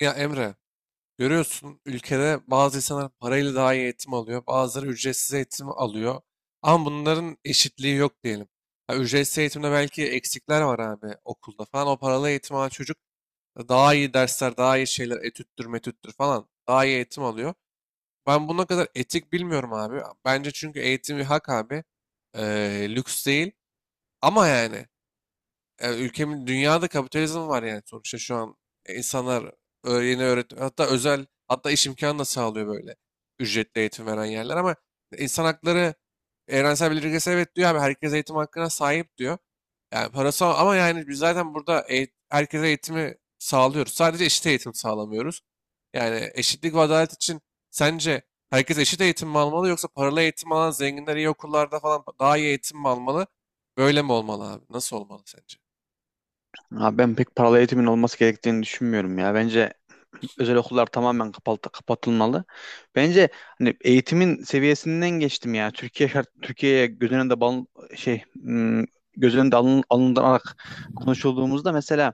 Ya Emre, görüyorsun ülkede bazı insanlar parayla daha iyi eğitim alıyor, bazıları ücretsiz eğitim alıyor. Ama bunların eşitliği yok diyelim. Ha, ücretsiz eğitimde belki eksikler var abi okulda falan. O paralı eğitim alan çocuk daha iyi dersler, daha iyi şeyler, etüttür, metüttür falan daha iyi eğitim alıyor. Ben buna kadar etik bilmiyorum abi. Bence çünkü eğitim bir hak abi. Lüks değil. Ama yani ülkemin dünyada kapitalizm var yani sonuçta şu an. İnsanlar yeni öğretim hatta özel hatta iş imkanı da sağlıyor böyle ücretli eğitim veren yerler ama insan hakları evrensel bildirgesi evet diyor abi, herkes eğitim hakkına sahip diyor. Yani parası ama yani biz zaten burada herkese eğitimi sağlıyoruz. Sadece eşit eğitim sağlamıyoruz. Yani eşitlik ve adalet için sence herkes eşit eğitim mi almalı, yoksa paralı eğitim alan zenginler iyi okullarda falan daha iyi eğitim mi almalı? Böyle mi olmalı abi? Nasıl olmalı sence? Abi ben pek paralı eğitimin olması gerektiğini düşünmüyorum ya. Bence özel okullar tamamen kapatılmalı. Bence hani eğitimin seviyesinden geçtim ya. Türkiye'ye göz önünde şey hmm, göz önünde alınarak konuşulduğumuzda mesela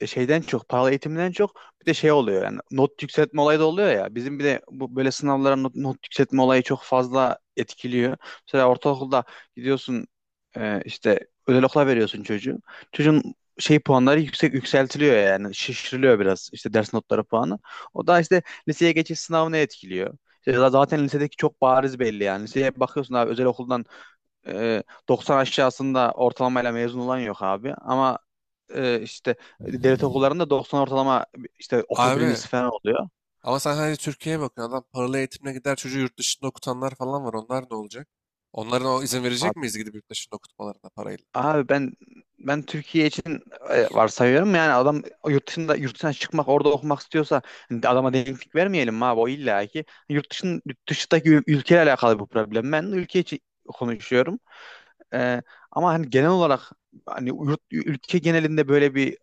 paralı eğitimden çok bir de şey oluyor yani not yükseltme olayı da oluyor ya. Bizim bir de bu böyle sınavlara not yükseltme olayı çok fazla etkiliyor. Mesela ortaokulda gidiyorsun işte özel okula veriyorsun çocuğu. Çocuğun şey puanları yükseltiliyor yani şişiriliyor biraz işte ders notları puanı. O da işte liseye geçiş sınavını etkiliyor. İşte zaten lisedeki çok bariz belli yani. Liseye bakıyorsun abi özel okuldan e, 90 aşağısında ortalamayla mezun olan yok abi. Ama işte devlet okullarında 90 ortalama işte okul Abi birincisi falan oluyor. ama sen hani Türkiye'ye bakıyorsun. Adam paralı eğitimine gider, çocuğu yurt dışında okutanlar falan var. Onlar ne olacak? Onlara o izin verecek Abi, miyiz gidip yurt dışında okutmalarına parayla? abi, ben Türkiye için varsayıyorum yani adam yurt dışına çıkmak orada okumak istiyorsa hani adama denklik vermeyelim mi abi o illa ki yurt dışındaki ülkeyle alakalı bu problem. Ben ülke için konuşuyorum. E, Ama hani genel olarak hani ülke genelinde böyle bir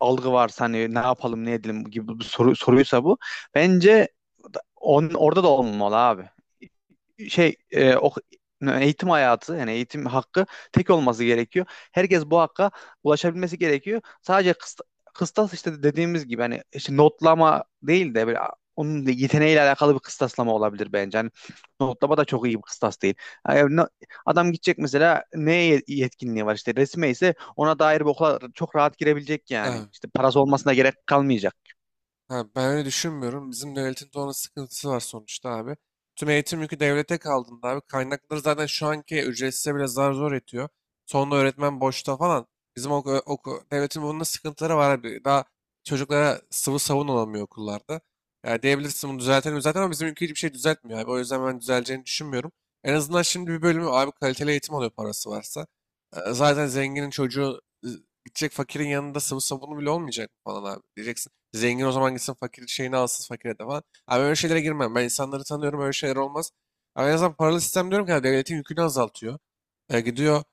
algı varsa hani ne yapalım ne edelim gibi bir soruysa bu bence orada da olmamalı abi. şey e, ok- Eğitim hayatı yani eğitim hakkı tek olması gerekiyor. Herkes bu hakka ulaşabilmesi gerekiyor. Sadece kıstas işte dediğimiz gibi hani işte notlama değil de böyle onun da yeteneğiyle alakalı bir kıstaslama olabilir bence. Hani notlama da çok iyi bir kıstas değil. Yani adam gidecek mesela neye yetkinliği var işte resme ise ona dair bir okula çok rahat girebilecek yani. İşte parası olmasına gerek kalmayacak. Ha, ben öyle düşünmüyorum. Bizim devletin de onun sıkıntısı var sonuçta abi. Tüm eğitim yükü devlete kaldığında abi kaynakları zaten şu anki ücretsize bile zar zor yetiyor. Sonunda öğretmen boşta falan. Bizim devletin bunun da sıkıntıları var abi. Daha çocuklara sıvı savun olamıyor okullarda. Yani diyebilirsin bunu düzeltelim zaten, ama bizim ülke hiçbir şey düzeltmiyor abi. O yüzden ben düzeleceğini düşünmüyorum. En azından şimdi bir bölümü abi kaliteli eğitim alıyor parası varsa. Zaten zenginin çocuğu gidecek, fakirin yanında sıvı sabunu bile olmayacak falan abi. Diyeceksin zengin o zaman gitsin, fakir şeyini alsın fakire de falan. Abi öyle şeylere girmem. Ben insanları tanıyorum, öyle şeyler olmaz. Abi en azından paralı sistem diyorum ki abi, devletin yükünü azaltıyor. Gidiyor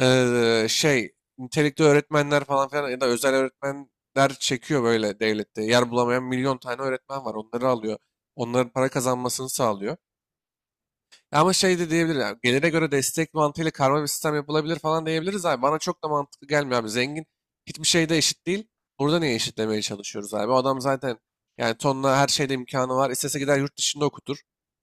e, şey nitelikli öğretmenler falan filan ya da özel öğretmenler çekiyor böyle devlette. Yer bulamayan milyon tane öğretmen var. Onları alıyor. Onların para kazanmasını sağlıyor. Ama şey de diyebilir ya, gelire göre destek mantığıyla karma bir sistem yapılabilir falan diyebiliriz abi. Bana çok da mantıklı gelmiyor abi. Zengin hiçbir şeyde eşit değil. Burada niye eşitlemeye çalışıyoruz abi? O adam zaten yani tonla her şeyde imkanı var. İstese gider yurt dışında okutur.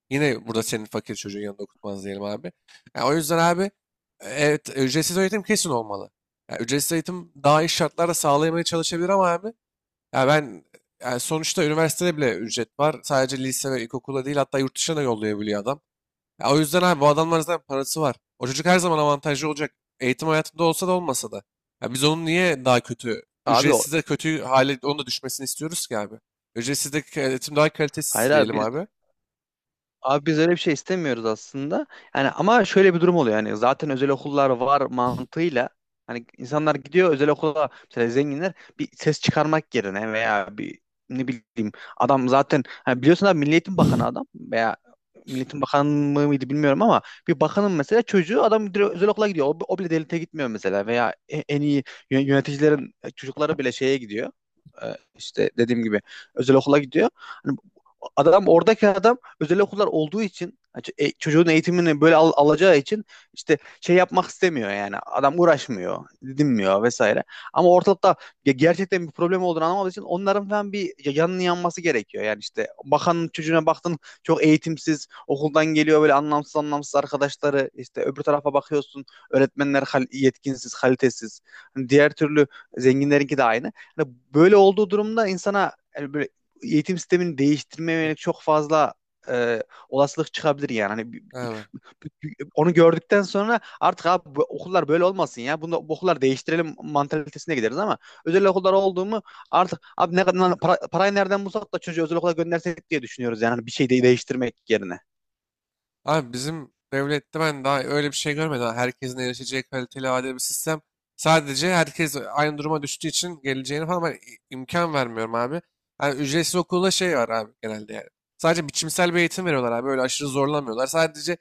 Yine burada senin fakir çocuğun yanında okutmaz diyelim abi. Ya o yüzden abi evet ücretsiz eğitim kesin olmalı. Ya ücretsiz eğitim daha iyi şartlarda sağlayamaya çalışabilir ama abi, ya ben, yani sonuçta üniversitede bile ücret var. Sadece lise ve ilkokula değil, hatta yurt dışına da yollayabiliyor adam. Ya o yüzden abi bu adamların zaten parası var. O çocuk her zaman avantajlı olacak, eğitim hayatında olsa da olmasa da. Ya biz onun niye daha kötü, Abi o ücretsiz de kötü hale onun da düşmesini istiyoruz ki abi. Ücretsiz de eğitim daha Hayır kalitesiz abi diyelim biz abi. Abi biz öyle bir şey istemiyoruz aslında. Yani ama şöyle bir durum oluyor. Yani zaten özel okullar var mantığıyla hani insanlar gidiyor özel okula mesela zenginler bir ses çıkarmak yerine veya bir ne bileyim adam zaten hani biliyorsun abi Milli Eğitim Bakanı adam veya Milli Eğitim Bakanı mıydı bilmiyorum ama bir bakanın mesela çocuğu adam direkt özel okula gidiyor. O bile devlete gitmiyor mesela veya en iyi yöneticilerin çocukları bile şeye gidiyor. İşte dediğim gibi özel okula gidiyor. Hani oradaki adam özel okullar olduğu için çocuğun eğitimini böyle alacağı için işte şey yapmak istemiyor yani. Adam uğraşmıyor, dinmiyor vesaire. Ama ortalıkta gerçekten bir problem olduğunu anlamadığı için onların falan bir yanının yanması gerekiyor. Yani işte bakanın çocuğuna baktın çok eğitimsiz, okuldan geliyor böyle anlamsız anlamsız arkadaşları. İşte öbür tarafa bakıyorsun öğretmenler yetkinsiz, kalitesiz. Hani diğer türlü zenginlerinki de aynı. Hani böyle olduğu durumda insana yani böyle eğitim sistemini değiştirmeye yönelik çok fazla e, olasılık çıkabilir yani. Hani Evet. Onu gördükten sonra artık abi bu okullar böyle olmasın ya. Bunu bu okullar değiştirelim mantalitesine gideriz ama özel okullar oldu mu artık abi ne kadar parayı nereden bulsak da çocuğu özel okula göndersek diye düşünüyoruz yani. Hani bir şey de değiştirmek yerine. Abi bizim devlette ben daha öyle bir şey görmedim. Ha, herkesin erişeceği kaliteli, adil bir sistem. Sadece herkes aynı duruma düştüğü için geleceğini falan ben imkan vermiyorum abi. Yani ücretsiz okulda şey var abi genelde yani. Sadece biçimsel bir eğitim veriyorlar abi. Öyle aşırı zorlamıyorlar. Sadece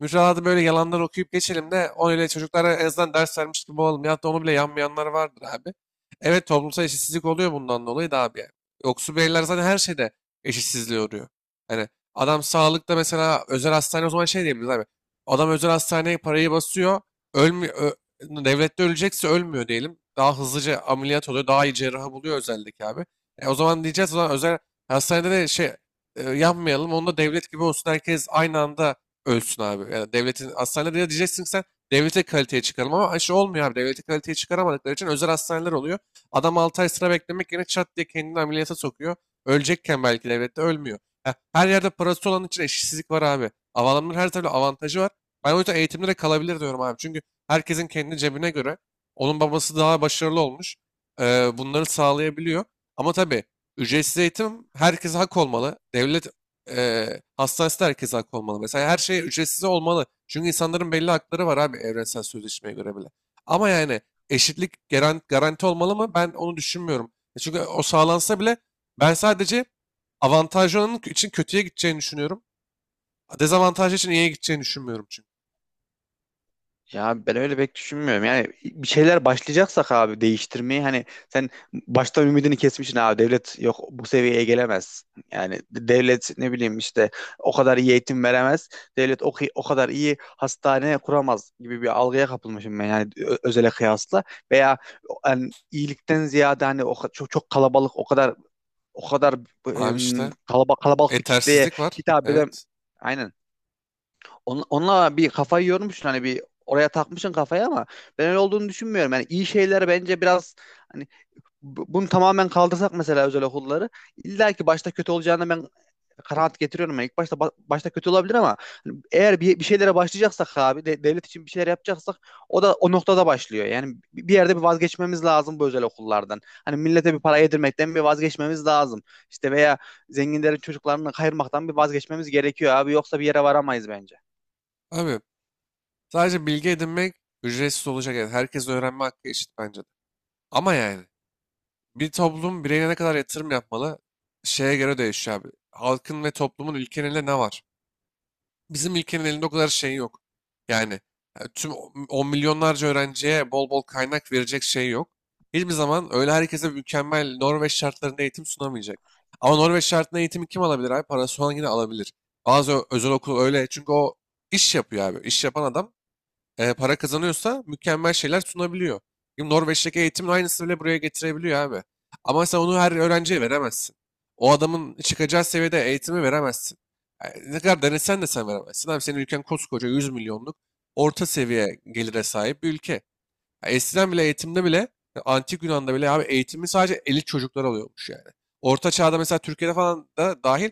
müfredatı böyle yalanlar okuyup geçelim de o öyle, çocuklara en azından ders vermiş gibi olalım. Ya da onu bile yanmayanlar vardır abi. Evet, toplumsal eşitsizlik oluyor bundan dolayı da abi yani. Yoksul bireyler zaten her şeyde eşitsizliğe uğruyor. Hani adam sağlıkta mesela özel hastane, o zaman şey diyebiliriz abi. Adam özel hastaneye parayı basıyor. Ölmüyor. Devlette ölecekse ölmüyor diyelim. Daha hızlıca ameliyat oluyor. Daha iyi cerrahı buluyor özeldeki abi. O zaman diyeceğiz o zaman özel hastanede de yapmayalım. Onda devlet gibi olsun. Herkes aynı anda ölsün abi. Yani devletin hastanede de diyeceksin ki sen, devlete kaliteye çıkaralım, ama şey olmuyor abi. Devlete kaliteye çıkaramadıkları için özel hastaneler oluyor. Adam 6 ay sıra beklemek yerine çat diye kendini ameliyata sokuyor. Ölecekken belki devlette ölmüyor. Ya, her yerde parası olan için eşitsizlik var abi. Adamların her türlü avantajı var. Ben o yüzden eğitimde de kalabilir diyorum abi. Çünkü herkesin kendi cebine göre onun babası daha başarılı olmuş. Bunları sağlayabiliyor. Ama tabii ücretsiz eğitim herkese hak olmalı. Devlet e, hastanesi de herkese hak olmalı. Mesela her şey ücretsiz olmalı. Çünkü insanların belli hakları var abi, evrensel sözleşmeye göre bile. Ama yani eşitlik garanti olmalı mı? Ben onu düşünmüyorum. Çünkü o sağlansa bile ben sadece avantajlı olanın için kötüye gideceğini düşünüyorum. Dezavantajlı için iyiye gideceğini düşünmüyorum çünkü. Ya ben öyle pek düşünmüyorum. Yani bir şeyler başlayacaksak abi değiştirmeyi hani sen baştan ümidini kesmişsin abi devlet yok bu seviyeye gelemez. Yani devlet ne bileyim işte o kadar iyi eğitim veremez. Devlet o kadar iyi hastane kuramaz gibi bir algıya kapılmışım ben yani özele kıyasla. Veya hani iyilikten ziyade hani çok, çok kalabalık o kadar Abi işte kalabalık kalabalık bir kitleye yetersizlik var. hitap eden Evet. aynen, onunla bir kafayı yormuşsun hani bir oraya takmışsın kafayı ama ben öyle olduğunu düşünmüyorum. Yani iyi şeyler bence biraz hani bunu tamamen kaldırsak mesela özel okulları illa ki başta kötü olacağını ben kanaat getiriyorum. Yani ilk başta başta kötü olabilir ama hani eğer bir şeylere başlayacaksak abi devlet için bir şeyler yapacaksak o da o noktada başlıyor. Yani bir yerde bir vazgeçmemiz lazım bu özel okullardan. Hani millete bir para yedirmekten bir vazgeçmemiz lazım. İşte veya zenginlerin çocuklarını kayırmaktan bir vazgeçmemiz gerekiyor abi yoksa bir yere varamayız bence. Abi sadece bilgi edinmek ücretsiz olacak. Yani herkes öğrenme hakkı eşit bence de. Ama yani bir toplum bireyine ne kadar yatırım yapmalı şeye göre değişiyor abi. Halkın ve toplumun ülkenin elinde ne var? Bizim ülkenin elinde o kadar şey yok. Yani tüm on milyonlarca öğrenciye bol bol kaynak verecek şey yok. Hiçbir zaman öyle herkese mükemmel Norveç şartlarında eğitim sunamayacak. Ama Norveç şartında eğitimi kim alabilir abi? Parası olan yine alabilir. Bazı özel okul öyle. Çünkü o iş yapıyor abi. İş yapan adam para kazanıyorsa mükemmel şeyler sunabiliyor. Şimdi Norveç'teki eğitimin aynısını bile buraya getirebiliyor abi. Ama sen onu her öğrenciye veremezsin. O adamın çıkacağı seviyede eğitimi veremezsin. Yani ne kadar denesen de sen veremezsin. Abi senin ülken koskoca 100 milyonluk, orta seviye gelire sahip bir ülke. Ya eskiden bile eğitimde bile, ya antik Yunan'da bile abi eğitimi sadece elit çocuklar alıyormuş yani. Orta çağda mesela Türkiye'de falan da dahil,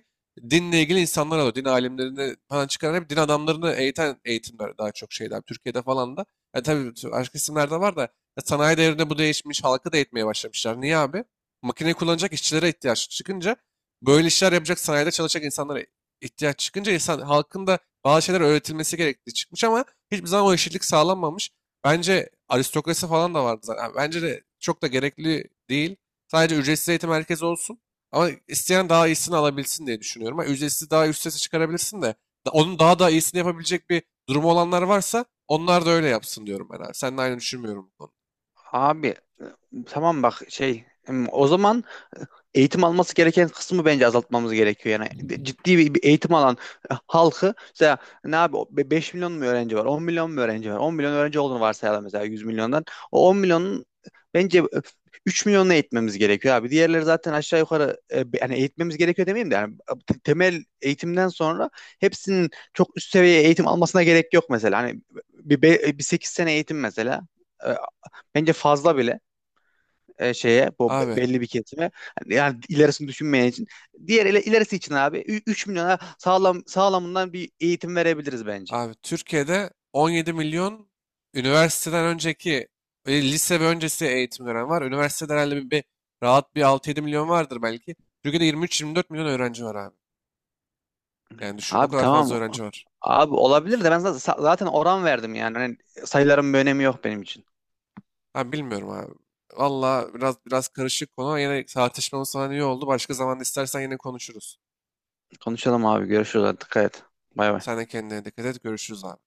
dinle ilgili insanlar alıyor. Din alimlerini falan çıkaran, hep din adamlarını eğiten eğitimler, daha çok şeyler. Türkiye'de falan da. Ya tabii başka isimlerde var da, ya sanayi devrinde bu değişmiş. Halkı da eğitmeye başlamışlar. Niye abi? Makineyi kullanacak işçilere ihtiyaç çıkınca, böyle işler yapacak sanayide çalışacak insanlara ihtiyaç çıkınca, insan halkın da bazı şeyler öğretilmesi gerektiği çıkmış, ama hiçbir zaman o eşitlik sağlanmamış. Bence aristokrasi falan da vardı zaten. Yani bence de çok da gerekli değil. Sadece ücretsiz eğitim merkezi olsun. Ama isteyen daha iyisini alabilsin diye düşünüyorum. Ha, ücretsiz daha üst sese çıkarabilirsin de. Onun daha da iyisini yapabilecek bir durumu olanlar varsa onlar da öyle yapsın diyorum ben abi. Seninle aynı düşünmüyorum bu konuda. Abi e, tamam bak şey o zaman eğitim alması gereken kısmı bence azaltmamız gerekiyor. Yani ciddi bir eğitim alan halkı mesela ne abi o 5 milyon mu öğrenci var, 10 milyon mu öğrenci var, 10 milyon öğrenci olduğunu varsayalım mesela 100 milyondan. O 10 milyonun bence 3 milyonunu eğitmemiz gerekiyor abi. Diğerleri zaten aşağı yukarı yani eğitmemiz gerekiyor demeyeyim de yani temel eğitimden sonra hepsinin çok üst seviye eğitim almasına gerek yok mesela. Hani bir 8 sene eğitim mesela e, bence fazla bile şeye bu Abi, belli bir kesime. Hani yani ilerisini düşünmeyen için diğer ilerisi için abi 3 milyona sağlam sağlamından bir eğitim verebiliriz bence. abi Türkiye'de 17 milyon üniversiteden önceki lise ve öncesi eğitim dönemi var. Üniversitede herhalde bir rahat bir 6-7 milyon vardır belki. Türkiye'de 23-24 milyon öğrenci var abi. Yani düşün o Abi kadar fazla tamam. öğrenci var. Abi olabilir de ben zaten oran verdim yani. Hani sayıların bir önemi yok benim için. Ben bilmiyorum abi. Valla biraz biraz karışık konu ama yine tartışmamız falan iyi oldu. Başka zaman istersen yine konuşuruz. Konuşalım abi. Görüşürüz. Dikkat et. Bay bay. Sen de kendine dikkat et. Görüşürüz abi.